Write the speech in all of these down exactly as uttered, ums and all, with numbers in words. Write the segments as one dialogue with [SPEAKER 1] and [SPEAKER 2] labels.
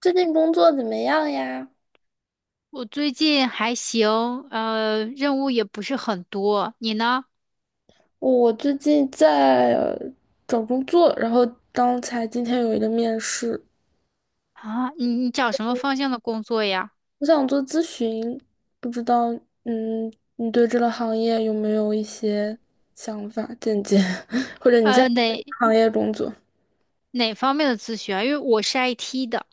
[SPEAKER 1] 最近工作怎么样呀？
[SPEAKER 2] 我最近还行，呃，任务也不是很多。你呢？
[SPEAKER 1] 我最近在呃找工作，然后刚才今天有一个面试，
[SPEAKER 2] 啊，你你找什么方向的工作呀？
[SPEAKER 1] 我想做咨询，不知道。嗯，你对这个行业有没有一些想法、见解，或者你现在
[SPEAKER 2] 呃，
[SPEAKER 1] 在哪
[SPEAKER 2] 哪
[SPEAKER 1] 个行业工作？
[SPEAKER 2] 哪方面的咨询啊？因为我是 I T 的，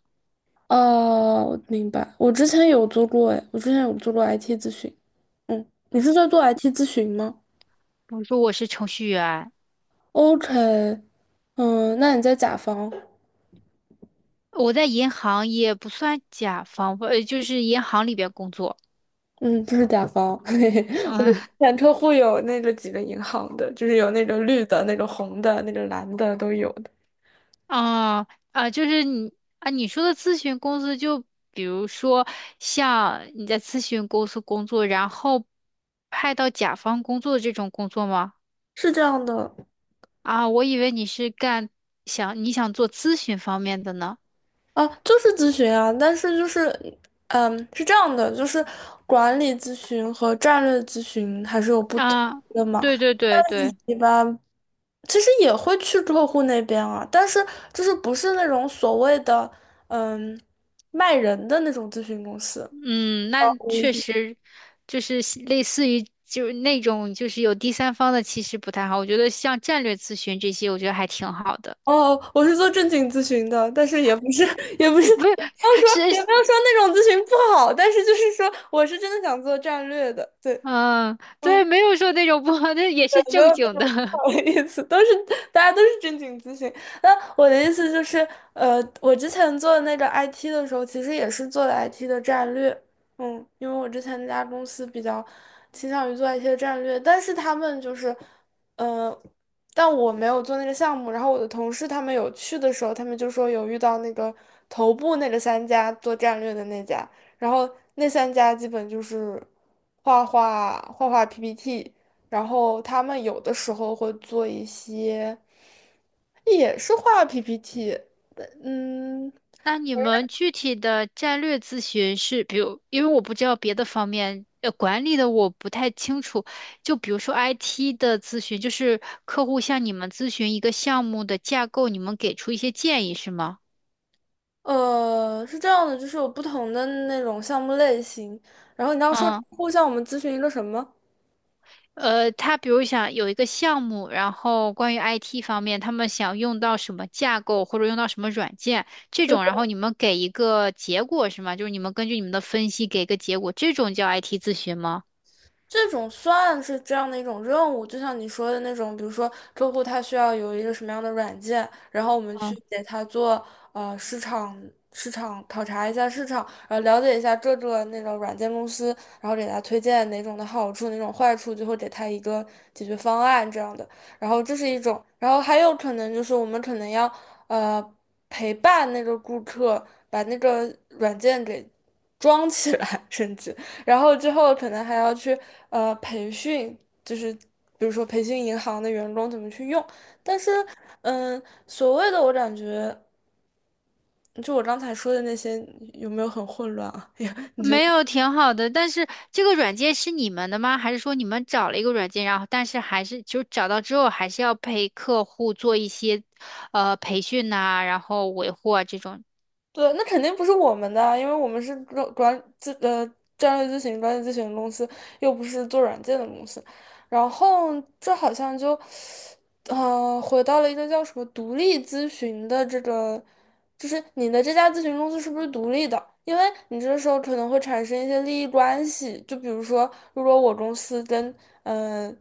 [SPEAKER 1] 哦，我明白。我之前有做过，哎，我之前有做过 I T 咨询。嗯，你是在做 I T 咨询吗
[SPEAKER 2] 我说我是程序员，
[SPEAKER 1] ？OK，嗯，那你在甲方？
[SPEAKER 2] 我在银行也不算甲方吧，呃，就是银行里边工作。
[SPEAKER 1] 嗯，不是甲方，嘿嘿，我们
[SPEAKER 2] 嗯。
[SPEAKER 1] 前客户有那个几个银行的，就是有那个绿的、那个红的、那个蓝的都有的，
[SPEAKER 2] 啊啊，就是你啊，你说的咨询公司，就比如说像你在咨询公司工作，然后派到甲方工作这种工作吗？
[SPEAKER 1] 是这样的
[SPEAKER 2] 啊，我以为你是干想你想做咨询方面的呢。
[SPEAKER 1] 啊，就是咨询啊，但是就是，嗯，是这样的，就是管理咨询和战略咨询还是有不同
[SPEAKER 2] 啊，
[SPEAKER 1] 的嘛，
[SPEAKER 2] 对对对对。
[SPEAKER 1] 一般其实也会去客户那边啊，但是就是不是那种所谓的嗯卖人的那种咨询公司，
[SPEAKER 2] 嗯，那确实就是类似于就是那种就是有第三方的，其实不太好。我觉得像战略咨询这些，我觉得还挺好的。
[SPEAKER 1] 哦，我是做正经咨询的，但是也不是，也不是，也
[SPEAKER 2] 不
[SPEAKER 1] 不要说，
[SPEAKER 2] 是，
[SPEAKER 1] 也
[SPEAKER 2] 是。
[SPEAKER 1] 不要说那种咨询不好，但是就是说，我是真的想做战略的，对，
[SPEAKER 2] 嗯，对，
[SPEAKER 1] 嗯，
[SPEAKER 2] 没有说那种不好，那也是
[SPEAKER 1] 对，没有
[SPEAKER 2] 正
[SPEAKER 1] 那
[SPEAKER 2] 经的。
[SPEAKER 1] 种不 好的意思，都是大家都是正经咨询。那我的意思就是，呃，我之前做那个 I T 的时候，其实也是做的 I T 的战略，嗯，因为我之前那家公司比较倾向于做 I T 的战略，但是他们就是，呃，但我没有做那个项目，然后我的同事他们有去的时候，他们就说有遇到那个头部那个三家做战略的那家，然后那三家基本就是画画、画画 P P T。然后他们有的时候会做一些，也是画 P P T，嗯
[SPEAKER 2] 那你们具体的战略咨询是，比如，因为我不知道别的方面，呃，管理的我不太清楚。就比如说 I T 的咨询，就是客户向你们咨询一个项目的架构，你们给出一些建议，是吗？
[SPEAKER 1] 呃，是这样的，就是有不同的那种项目类型。然后你刚刚说
[SPEAKER 2] 嗯。
[SPEAKER 1] 户项我们咨询一个什么？
[SPEAKER 2] 呃，他比如想有一个项目，然后关于 I T 方面，他们想用到什么架构或者用到什么软件这种，然后你们给一个结果是吗？就是你们根据你们的分析给一个结果，这种叫 I T 咨询吗？
[SPEAKER 1] 这种算是这样的一种任务，就像你说的那种，比如说客户他需要有一个什么样的软件，然后我们去
[SPEAKER 2] 嗯。
[SPEAKER 1] 给他做呃市场市场考察一下市场，然后了解一下各个那种软件公司，然后给他推荐哪种的好处，哪种坏处，最后给他一个解决方案这样的。然后这是一种，然后还有可能就是我们可能要呃陪伴那个顾客把那个软件给装起来，甚至。然后之后可能还要去呃培训，就是比如说培训银行的员工怎么去用。但是，嗯，所谓的我感觉，就我刚才说的那些，有没有很混乱啊？
[SPEAKER 2] 没有，挺好的。但是这个软件是你们的吗？还是说你们找了一个软件，然后但是还是就找到之后还是要陪客户做一些呃培训呐、然后维护啊这种。
[SPEAKER 1] 对，那肯定不是我们的啊因为我们是专管咨呃战略咨询、专业咨询的公司，又不是做软件的公司。然后这好像就，呃，回到了一个叫什么独立咨询的这个，就是你的这家咨询公司是不是独立的？因为你这时候可能会产生一些利益关系，就比如说，如果我公司跟嗯、呃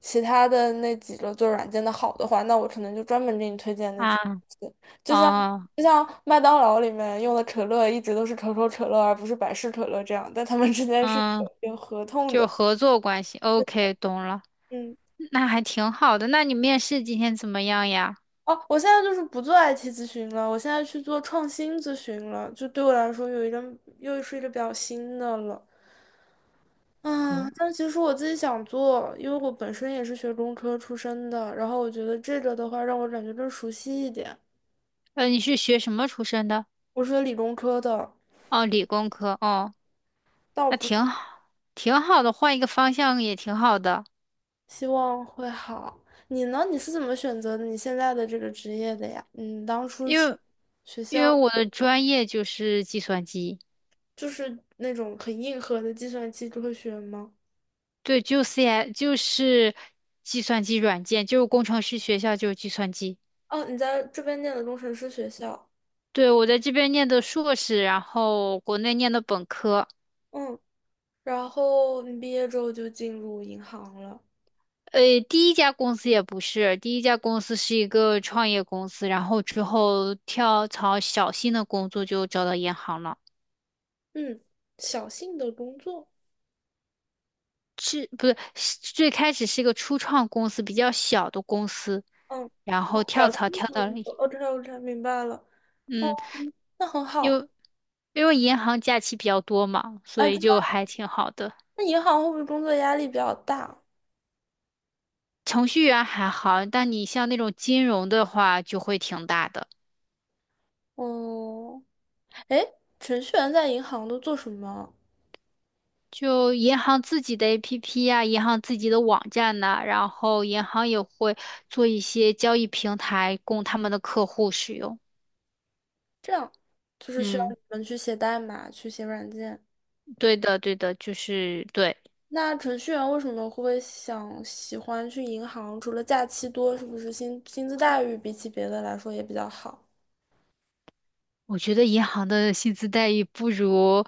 [SPEAKER 1] 其他的那几个做软件的好的话，那我可能就专门给你推荐那
[SPEAKER 2] 啊，
[SPEAKER 1] 几个公司。就像
[SPEAKER 2] 哦。
[SPEAKER 1] 就像麦当劳里面用的可乐一直都是可口可乐，而不是百事可乐这样，但他们之间是
[SPEAKER 2] 嗯，
[SPEAKER 1] 有有合同
[SPEAKER 2] 就
[SPEAKER 1] 的。
[SPEAKER 2] 合作关系。OK，懂了，
[SPEAKER 1] 嗯，
[SPEAKER 2] 那还挺好的。那你面试今天怎么样呀？
[SPEAKER 1] 哦，我现在就是不做 I T 咨询了，我现在去做创新咨询了，就对我来说有一个又是一个比较新的了。啊，但其实我自己想做，因为我本身也是学工科出身的，然后我觉得这个的话让我感觉更熟悉一点。
[SPEAKER 2] 呃，你是学什么出身的？
[SPEAKER 1] 我是学理工科的，
[SPEAKER 2] 哦，理工科。哦，
[SPEAKER 1] 倒
[SPEAKER 2] 那
[SPEAKER 1] 不。
[SPEAKER 2] 挺好，挺好的，换一个方向也挺好的。
[SPEAKER 1] 希望会好。你呢？你是怎么选择你现在的这个职业的呀？嗯，当初
[SPEAKER 2] 因
[SPEAKER 1] 是
[SPEAKER 2] 为
[SPEAKER 1] 学
[SPEAKER 2] 因为
[SPEAKER 1] 校
[SPEAKER 2] 我的专业就是计算机。
[SPEAKER 1] 就是那种很硬核的计算机科学吗？
[SPEAKER 2] 对，就 C I 就是计算机软件，就是工程师学校就是计算机。
[SPEAKER 1] 哦，你在这边念的工程师学校，
[SPEAKER 2] 对，我在这边念的硕士，然后国内念的本科。
[SPEAKER 1] 嗯，然后你毕业之后就进入银行了，
[SPEAKER 2] 呃，第一家公司也不是，第一家公司是一个创业公司，然后之后跳槽小新的工作就找到银行了。
[SPEAKER 1] 嗯，小信的工作，
[SPEAKER 2] 是不是是最开始是一个初创公司，比较小的公司，
[SPEAKER 1] 嗯，
[SPEAKER 2] 然后
[SPEAKER 1] 哦
[SPEAKER 2] 跳
[SPEAKER 1] 小
[SPEAKER 2] 槽
[SPEAKER 1] 信
[SPEAKER 2] 跳
[SPEAKER 1] 的
[SPEAKER 2] 到了。
[SPEAKER 1] 工作哦，k 我才明白了，哦，
[SPEAKER 2] 嗯，
[SPEAKER 1] 那很
[SPEAKER 2] 因
[SPEAKER 1] 好。
[SPEAKER 2] 为因为银行假期比较多嘛，所
[SPEAKER 1] 啊，知
[SPEAKER 2] 以就
[SPEAKER 1] 道
[SPEAKER 2] 还挺好的。
[SPEAKER 1] 那银行会不会工作压力比较大？
[SPEAKER 2] 程序员还好，但你像那种金融的话，就会挺大的。
[SPEAKER 1] 哦，哎，程序员在银行都做什么？
[SPEAKER 2] 就银行自己的 A P P 呀、银行自己的网站呐、然后银行也会做一些交易平台供他们的客户使用。
[SPEAKER 1] 这样就是需要
[SPEAKER 2] 嗯，
[SPEAKER 1] 你们去写代码，去写软件。
[SPEAKER 2] 对的，对的，就是对。
[SPEAKER 1] 那程序员为什么会想喜欢去银行？除了假期多，是不是薪薪资待遇比起别的来说也比较好？
[SPEAKER 2] 我觉得银行的薪资待遇不如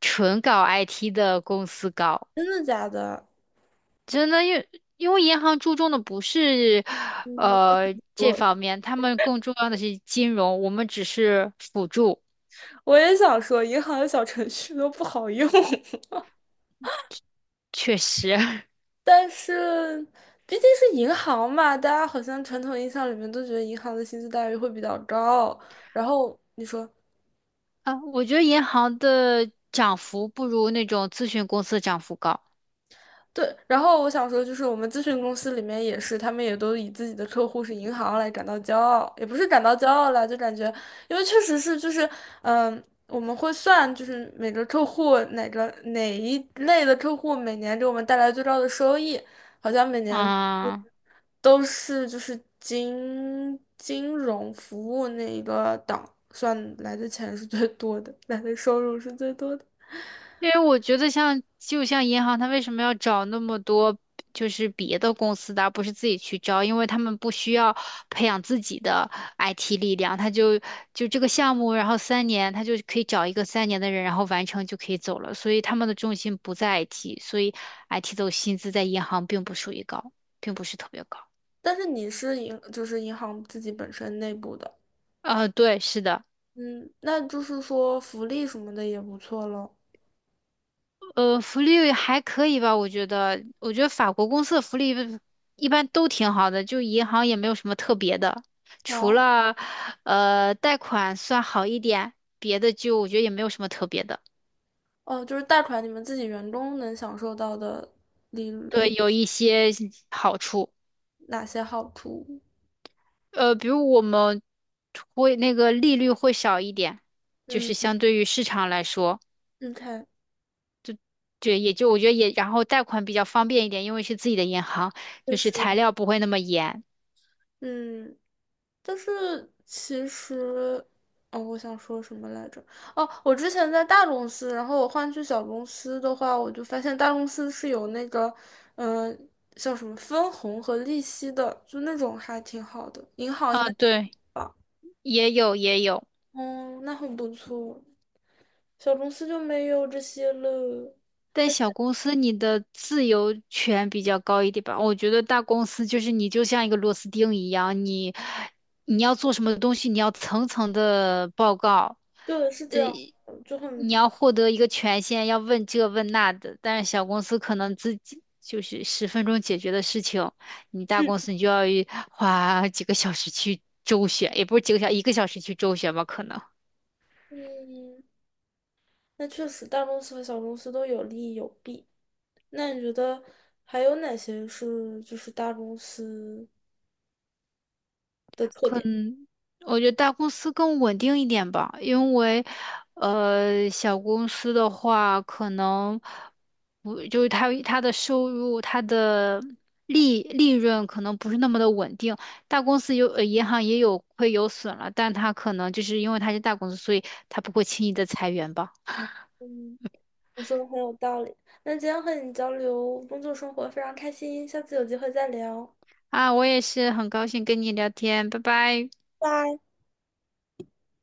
[SPEAKER 2] 纯搞 I T 的公司高。
[SPEAKER 1] 真的假的？
[SPEAKER 2] 真的，因为因为银行注重的不是
[SPEAKER 1] 嗯，
[SPEAKER 2] 呃这
[SPEAKER 1] 我
[SPEAKER 2] 方面，他们更重要的是金融，我们只是辅助。
[SPEAKER 1] 我也想说，银行的小程序都不好用，
[SPEAKER 2] 确实。
[SPEAKER 1] 但是毕竟是银行嘛，大家好像传统印象里面都觉得银行的薪资待遇会比较高。然后你说。
[SPEAKER 2] 啊，我觉得银行的涨幅不如那种咨询公司的涨幅高。
[SPEAKER 1] 对，然后我想说，就是我们咨询公司里面也是，他们也都以自己的客户是银行来感到骄傲，也不是感到骄傲啦，就感觉，因为确实是就是，嗯，我们会算，就是每个客户哪个哪一类的客户每年给我们带来最高的收益，好像每年
[SPEAKER 2] 啊。
[SPEAKER 1] 都是就是金金融服务那一个档算来的钱是最多的，来的收入是最多的。
[SPEAKER 2] 因为我觉得像就像银行，它为什么要找那么多就是别的公司的，而不是自己去招？因为他们不需要培养自己的 I T 力量，他就就这个项目，然后三年，他就可以找一个三年的人，然后完成就可以走了。所以他们的重心不在 I T，所以 I T 的薪资在银行并不属于高，并不是特别高。
[SPEAKER 1] 但是你是银，就是银行自己本身内部的。
[SPEAKER 2] 呃，对，是的。
[SPEAKER 1] 嗯，那就是说福利什么的也不错咯。
[SPEAKER 2] 呃，福利还可以吧，我觉得，我觉得法国公司的福利一般都挺好的，就银行也没有什么特别的，除
[SPEAKER 1] 啊，
[SPEAKER 2] 了呃贷款算好一点，别的就我觉得也没有什么特别的，
[SPEAKER 1] 哦，就是贷款你们自己员工能享受到的利
[SPEAKER 2] 对，
[SPEAKER 1] 利
[SPEAKER 2] 有一些好处。
[SPEAKER 1] 哪些好处？
[SPEAKER 2] 呃，比如我们会那个利率会少一点，就是
[SPEAKER 1] 嗯
[SPEAKER 2] 相对于市场来说，
[SPEAKER 1] 你看，
[SPEAKER 2] 对，也就我觉得也，然后贷款比较方便一点，因为是自己的银行，
[SPEAKER 1] 就
[SPEAKER 2] 就是
[SPEAKER 1] 是
[SPEAKER 2] 材料不会那么严。
[SPEAKER 1] 嗯，但是其实，哦，我想说什么来着？哦，我之前在大公司，然后我换去小公司的话，我就发现大公司是有那个，嗯、叫什么分红和利息的，就那种还挺好的。银行应
[SPEAKER 2] 啊，
[SPEAKER 1] 该，
[SPEAKER 2] 对，也有也有。
[SPEAKER 1] 哦，那很不错。小公司就没有这些了。
[SPEAKER 2] 但小公司你的自由权比较高一点吧？我觉得大公司就是你就像一个螺丝钉一样，你你要做什么东西，你要层层的报告，
[SPEAKER 1] 对，是这样的就
[SPEAKER 2] 你
[SPEAKER 1] 很，
[SPEAKER 2] 要获得一个权限，要问这问那的。但是小公司可能自己就是十分钟解决的事情，你大公司你就要一花几个小时去周旋，也不是几个小，一个小时去周旋吧，可能。
[SPEAKER 1] 嗯，那确实大公司和小公司都有利有弊。那你觉得还有哪些是就是大公司的特
[SPEAKER 2] 可
[SPEAKER 1] 点？
[SPEAKER 2] 能我觉得大公司更稳定一点吧，因为呃，小公司的话，可能不就是他他的收入、他的利利润可能不是那么的稳定。大公司有呃，银行也有会有损了，但他可能就是因为他是大公司，所以他不会轻易的裁员吧。
[SPEAKER 1] 嗯，你说的很有道理。那今天和你交流工作生活非常开心，下次有机会再聊，
[SPEAKER 2] 啊，我也是很高兴跟你聊天，拜拜。
[SPEAKER 1] 拜。